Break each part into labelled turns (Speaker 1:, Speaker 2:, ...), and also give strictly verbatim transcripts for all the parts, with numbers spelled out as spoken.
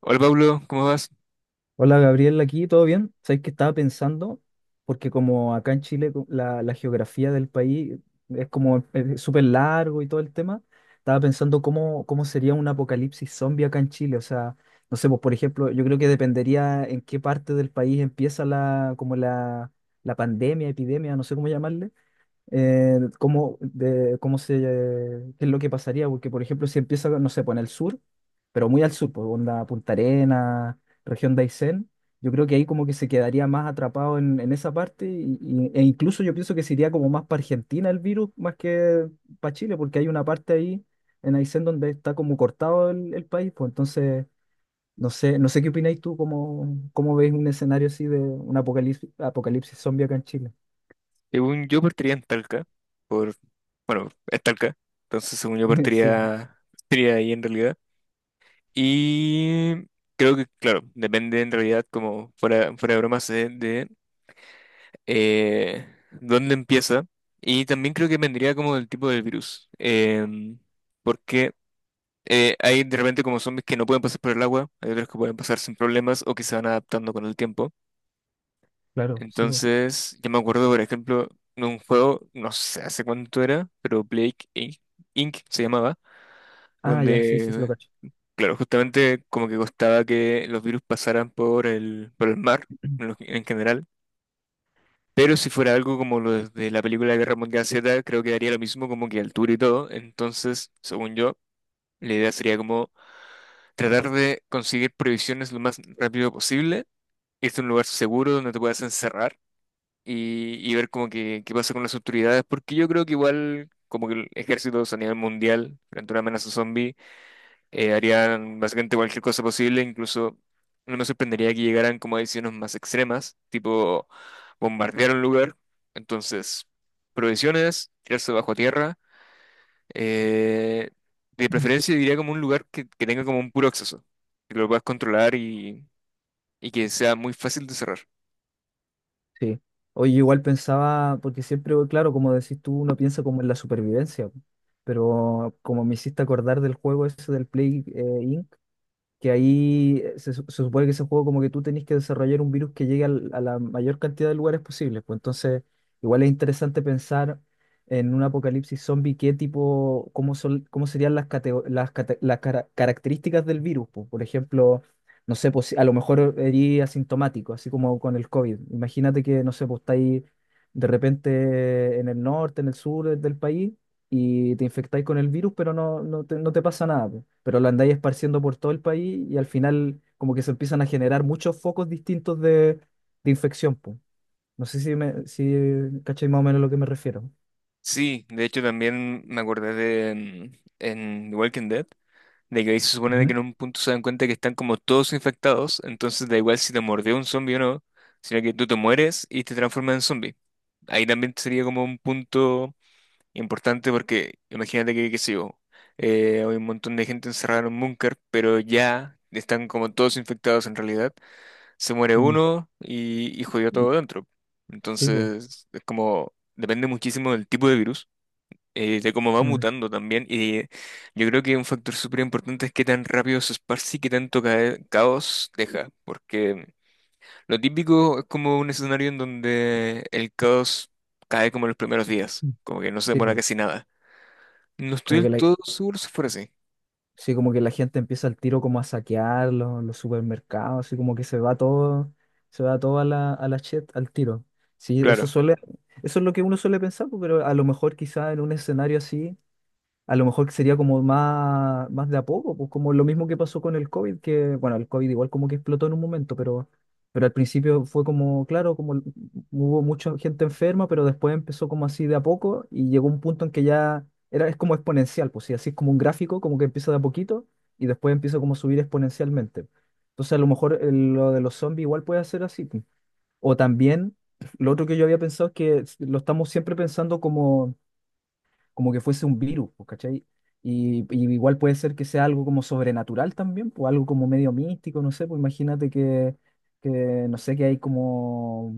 Speaker 1: Hola Pablo, ¿cómo vas?
Speaker 2: Hola Gabriel, aquí, ¿todo bien? Sabes que estaba pensando, porque como acá en Chile co- la, la geografía del país es como eh, súper largo y todo el tema. Estaba pensando cómo, cómo sería un apocalipsis zombie acá en Chile. O sea, no sé, pues por ejemplo, yo creo que dependería en qué parte del país empieza la, como la, la pandemia, epidemia, no sé cómo llamarle eh, cómo, de, cómo se, qué es lo que pasaría, porque por ejemplo si empieza, no sé, pues en el sur, pero muy al sur, pues onda Punta Arenas, región de Aysén, yo creo que ahí como que se quedaría más atrapado en, en esa parte y- y- e incluso yo pienso que se iría como más para Argentina el virus, más que para Chile, porque hay una parte ahí en Aysén donde está como cortado el, el país, pues entonces... No sé, no sé qué opináis tú, cómo, cómo veis un escenario así de un apocalipsis, apocalipsis zombie acá en Chile.
Speaker 1: Según yo partiría en Talca, por, bueno, es Talca, entonces según yo
Speaker 2: Sí,
Speaker 1: partiría, partiría ahí en realidad. Y creo que, claro, depende en realidad, como fuera, fuera de bromas, de, de, eh, dónde empieza. Y también creo que vendría como del tipo del virus, em, porque eh, hay de repente como zombies que no pueden pasar por el agua, hay otros que pueden pasar sin problemas o que se van adaptando con el tiempo.
Speaker 2: claro, sí.
Speaker 1: Entonces, yo me acuerdo, por ejemplo, de un juego, no sé hace cuánto era, pero Blake Inc Inc se llamaba,
Speaker 2: Ah, ya, sí, sí, sí, lo
Speaker 1: donde,
Speaker 2: cacho.
Speaker 1: claro, justamente como que costaba que los virus pasaran por el, por el mar en lo- en general. Pero si fuera algo como lo de la película Guerra Mundial Z, creo que daría lo mismo, como que altura y todo. Entonces, según yo, la idea sería como tratar de conseguir provisiones lo más rápido posible, irte a un lugar seguro donde te puedas encerrar y, y ver como que qué pasa con las autoridades, porque yo creo que igual como que el ejército a nivel mundial, frente a una amenaza zombie, eh, harían básicamente cualquier cosa posible, incluso no me sorprendería que llegaran como a decisiones más extremas, tipo bombardear un lugar, entonces provisiones, tirarse bajo tierra, eh, de preferencia diría como un lugar que, que tenga como un puro acceso, que lo puedas controlar y, y que sea muy fácil de cerrar.
Speaker 2: Sí. Oye, igual pensaba, porque siempre, claro, como decís tú, uno piensa como en la supervivencia, po. Pero como me hiciste acordar del juego ese del Play eh, inc, que ahí eh, se, su- se supone que ese juego como que tú tenés que desarrollar un virus que llegue al- a la mayor cantidad de lugares posibles. Pues entonces, igual es interesante pensar en un apocalipsis zombie, qué tipo, cómo son, cómo serían las, catego- las, cate- las cara- características del virus, pues. Por ejemplo, no sé, pues, si- a lo mejor eres asintomático, así como con el COVID. Imagínate que, no sé, pues está ahí de repente en el norte, en el sur del país y te infectáis con el virus, pero no, no te, no te pasa nada, po. Pero lo andáis esparciendo por todo el país y al final como que se empiezan a generar muchos focos distintos de, de infección, po. No sé si, me, si cacháis más o menos a lo que me refiero.
Speaker 1: Sí, de hecho también me acordé de mm, en The Walking Dead, de que ahí se supone de que
Speaker 2: Ujú.
Speaker 1: en un punto se dan cuenta que están como todos infectados, entonces da igual si te mordió un zombie o no, sino que tú te mueres y te transformas en zombie. Ahí también sería como un punto importante porque imagínate que, qué sé yo, eh, hay un montón de gente encerrada en un búnker, pero ya están como todos infectados en realidad, se muere
Speaker 2: Mm.
Speaker 1: uno y, y jodió todo dentro.
Speaker 2: Sí, po.
Speaker 1: Entonces, es como, depende muchísimo del tipo de virus eh, de cómo va
Speaker 2: Mm.
Speaker 1: mutando también. Y yo creo que un factor súper importante es qué tan rápido se esparce y qué tanto ca- caos deja. Porque lo típico es como un escenario en donde el caos cae como en los primeros días,
Speaker 2: Mm.
Speaker 1: como que no se
Speaker 2: Sí,
Speaker 1: demora
Speaker 2: po.
Speaker 1: casi nada. No estoy
Speaker 2: Como que
Speaker 1: del
Speaker 2: la,
Speaker 1: todo seguro si fuera así.
Speaker 2: sí, como que la gente empieza al tiro como a saquear los, los supermercados, así como que se va todo, se va todo a la, a la chet al tiro. Sí, eso
Speaker 1: Claro,
Speaker 2: suele, eso es lo que uno suele pensar, po, pero a lo mejor quizá en un escenario así a lo mejor sería como más, más de a poco, pues como lo mismo que pasó con el COVID, que bueno, el COVID igual como que explotó en un momento, pero, pero al principio fue como, claro, como hubo mucha gente enferma, pero después empezó como así de a poco y llegó un punto en que ya era, es como exponencial, pues sí, así es como un gráfico, como que empieza de a poquito y después empieza como a subir exponencialmente. Entonces a lo mejor eh, lo de los zombies igual puede ser así, pues. O también, lo otro que yo había pensado es que lo estamos siempre pensando como como que fuese un virus, pues, ¿cachai? Y, y igual puede ser que sea algo como sobrenatural también, pues algo como medio místico, no sé, pues imagínate que, que no sé, que hay como,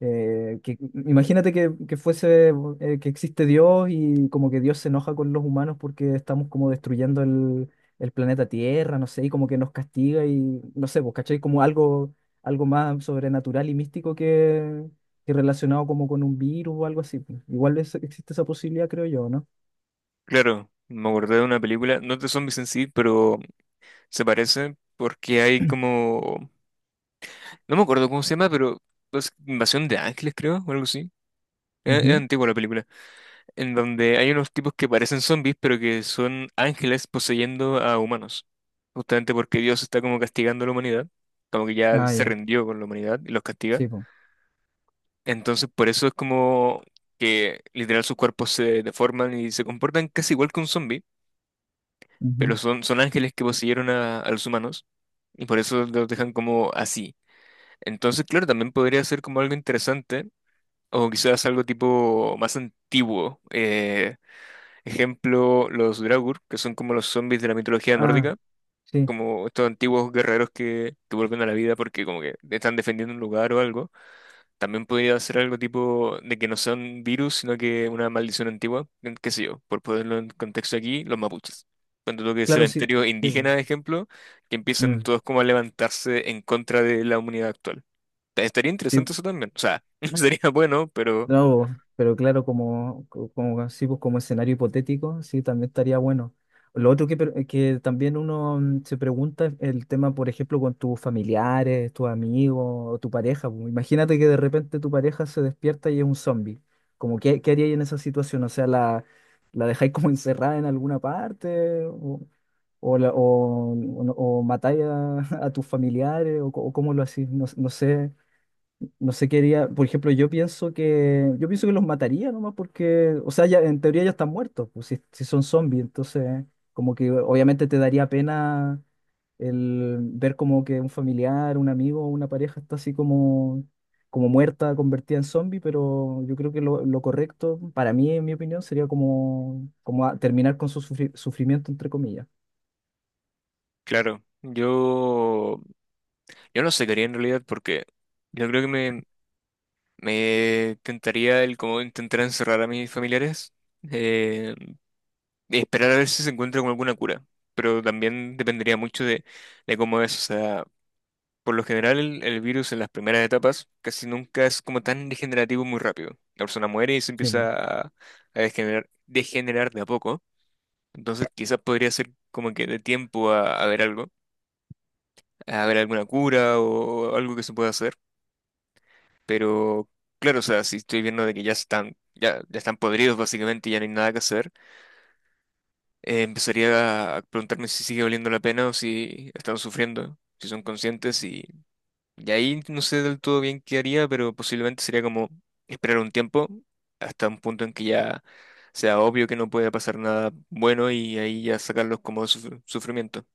Speaker 2: eh, que, imagínate que, que fuese, eh, que existe Dios y como que Dios se enoja con los humanos porque estamos como destruyendo el, el planeta Tierra, no sé, y como que nos castiga y, no sé, pues, ¿cachai? Como algo, algo más sobrenatural y místico que, que relacionado como con un virus o algo así, pues. Igual es- existe esa posibilidad, creo yo, ¿no?
Speaker 1: claro. Me acordé de una película, no es de zombies en sí, pero se parece porque hay como... No me acuerdo cómo se llama, pero es Invasión de Ángeles, creo, o algo así. Es, es
Speaker 2: Ujú.
Speaker 1: antigua la película, en donde hay unos tipos que parecen zombies, pero que son ángeles poseyendo a humanos, justamente porque Dios está como castigando a la humanidad, como que ya
Speaker 2: Ah,
Speaker 1: se
Speaker 2: ya,
Speaker 1: rindió con la humanidad y los castiga.
Speaker 2: sí, po.
Speaker 1: Entonces, por eso es como que literal sus cuerpos se deforman y se comportan casi igual que un zombie,
Speaker 2: Ujú.
Speaker 1: pero son, son ángeles que poseyeron a, a los humanos y por eso los dejan como así. Entonces, claro, también podría ser como algo interesante o quizás algo tipo más antiguo. eh, Ejemplo, los Draugr, que son como los zombies de la mitología
Speaker 2: Ah,
Speaker 1: nórdica,
Speaker 2: sí,
Speaker 1: como estos antiguos guerreros que, que vuelven a la vida porque como que están defendiendo un lugar o algo. También podría ser algo tipo de que no son virus, sino que una maldición antigua, en- qué sé yo, por ponerlo en contexto aquí, los mapuches. Cuando lo que es
Speaker 2: claro, sí,
Speaker 1: cementerio
Speaker 2: sí, po.
Speaker 1: indígena, ejemplo, que empiezan
Speaker 2: Mm,
Speaker 1: todos como a levantarse en contra de la humanidad actual. Estaría
Speaker 2: sí,
Speaker 1: interesante eso también. O sea, sería bueno, pero
Speaker 2: no, po, pero claro, como, co- como, sí, pues, como escenario hipotético, sí, también estaría bueno. Lo otro que, per- que también uno mm, se pregunta es el tema, por ejemplo, con tus familiares, tus amigos o tu pareja, po. Imagínate que de repente tu pareja se despierta y es un zombie. Como, ¿qué, qué haríais en esa situación. O sea, ¿la, la dejáis como encerrada en alguna parte? O, la- o, o no- ¿O matáis a, a tus familiares o, co- o cómo lo hacéis? No, no sé, no sé qué haría. Por ejemplo, yo pienso que yo pienso que los mataría nomás porque, o sea, ya en teoría ya están muertos, pues si, si son zombies, entonces como que obviamente te daría pena el ver como que un familiar, un amigo, una pareja está así como como muerta, convertida en zombie, pero yo creo que lo, lo correcto, para mí, en mi opinión, sería como, como a- terminar con su sufri- sufrimiento, entre comillas.
Speaker 1: claro, yo... Yo no sacaría en realidad porque yo creo que me, me tentaría el como intentar encerrar a mis familiares eh, y esperar a ver si se encuentra con alguna cura. Pero también dependería mucho de, de cómo es. O sea, por lo general el, el virus en las primeras etapas casi nunca es como tan degenerativo muy rápido. La persona muere y se
Speaker 2: Sí,
Speaker 1: empieza a, a degenerar, degenerar de a poco. Entonces quizás podría ser como que de tiempo a, a ver algo, a ver alguna cura o algo que se pueda hacer. Pero claro, o sea, si estoy viendo de que ya están, ya, ya están podridos básicamente, y ya no hay nada que hacer, eh, empezaría a preguntarme si sigue valiendo la pena o si están sufriendo, si son conscientes y, y ahí no sé del todo bien qué haría, pero posiblemente sería como esperar un tiempo hasta un punto en que ya sea obvio que no puede pasar nada bueno y ahí ya sacarlos como de suf- sufrimiento.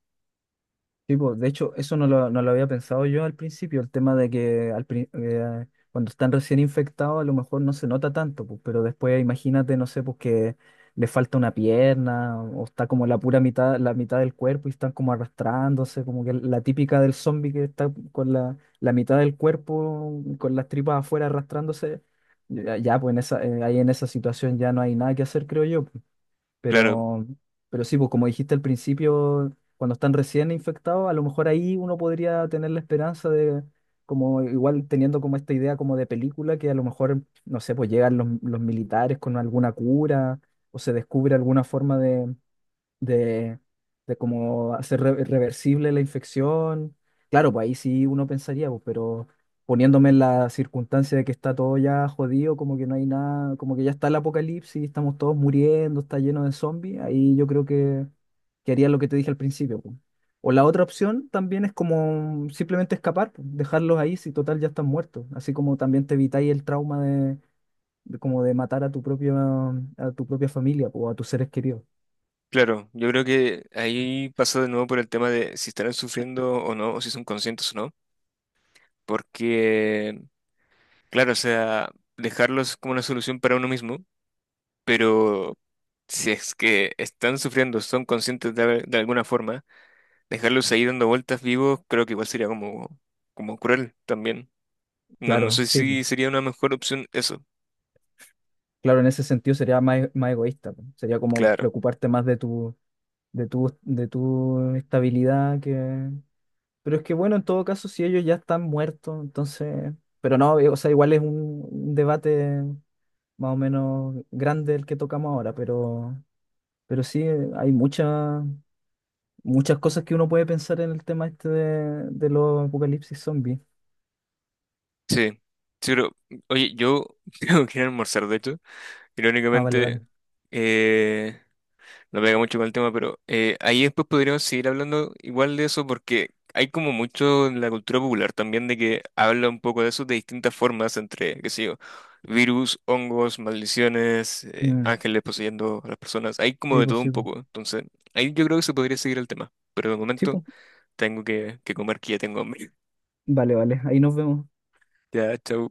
Speaker 2: sí, pues, de hecho, eso no lo, no lo había pensado yo al principio, el tema de que al pri- eh, cuando están recién infectados a lo mejor no se nota tanto, pues, pero después imagínate, no sé, pues que le falta una pierna o está como la pura mitad, la mitad del cuerpo y están como arrastrándose, como que la típica del zombie que está con la, la mitad del cuerpo, con las tripas afuera arrastrándose, ya, ya, pues en esa, eh, ahí en esa situación ya no hay nada que hacer, creo yo.
Speaker 1: Claro.
Speaker 2: Pero, pero sí, pues como dijiste al principio, cuando están recién infectados, a lo mejor ahí uno podría tener la esperanza de, como igual teniendo como esta idea como de película, que a lo mejor, no sé, pues llegan los, los militares con alguna cura o se descubre alguna forma de de, de cómo hacer re- reversible la infección. Claro, pues ahí sí uno pensaría, pues, pero poniéndome en la circunstancia de que está todo ya jodido, como que no hay nada, como que ya está el apocalipsis, estamos todos muriendo, está lleno de zombies, ahí yo creo que, que haría lo que te dije al principio, pues. O la otra opción también es como simplemente escapar, pues, dejarlos ahí si total ya están muertos, así como también te evitáis el trauma de, de como de matar a tu propia, a tu propia familia, pues, o a tus seres queridos.
Speaker 1: Claro, yo creo que ahí pasa de nuevo por el tema de si estarán sufriendo o no, o si son conscientes o no. Porque, claro, o sea, dejarlos como una solución para uno mismo, pero si es que están sufriendo, son conscientes de, al- de alguna forma, dejarlos ahí dando vueltas vivos, creo que igual sería como, como cruel también. No, no
Speaker 2: Claro,
Speaker 1: sé
Speaker 2: sí.
Speaker 1: si sería una mejor opción eso,
Speaker 2: Claro, en ese sentido sería más, e- más egoísta, po. Sería como
Speaker 1: claro.
Speaker 2: preocuparte más de tu, de tu, de tu estabilidad que... Pero es que bueno, en todo caso, si ellos ya están muertos, entonces... Pero no, eh, o sea, igual es un, un debate más o menos grande el que tocamos ahora, pero, pero sí, eh, hay muchas muchas cosas que uno puede pensar en el tema este de, de los apocalipsis zombies.
Speaker 1: Sí, sí, pero, oye, yo tengo que ir a almorzar, de hecho,
Speaker 2: Ah, vale,
Speaker 1: irónicamente,
Speaker 2: vale.
Speaker 1: eh, no pega mucho con el tema, pero eh, ahí después podríamos seguir hablando igual de eso porque hay como mucho en la cultura popular también de que habla un poco de eso de distintas formas entre, qué sé yo, virus, hongos, maldiciones, eh,
Speaker 2: Mm,
Speaker 1: ángeles poseyendo a las personas, hay como
Speaker 2: sí,
Speaker 1: de
Speaker 2: pues
Speaker 1: todo un
Speaker 2: sí, pues.
Speaker 1: poco, entonces ahí yo creo que se podría seguir el tema, pero de
Speaker 2: Sí,
Speaker 1: momento
Speaker 2: pues.
Speaker 1: tengo que, que comer que ya tengo hambre.
Speaker 2: Vale, vale. Ahí nos vemos.
Speaker 1: Ya, chau.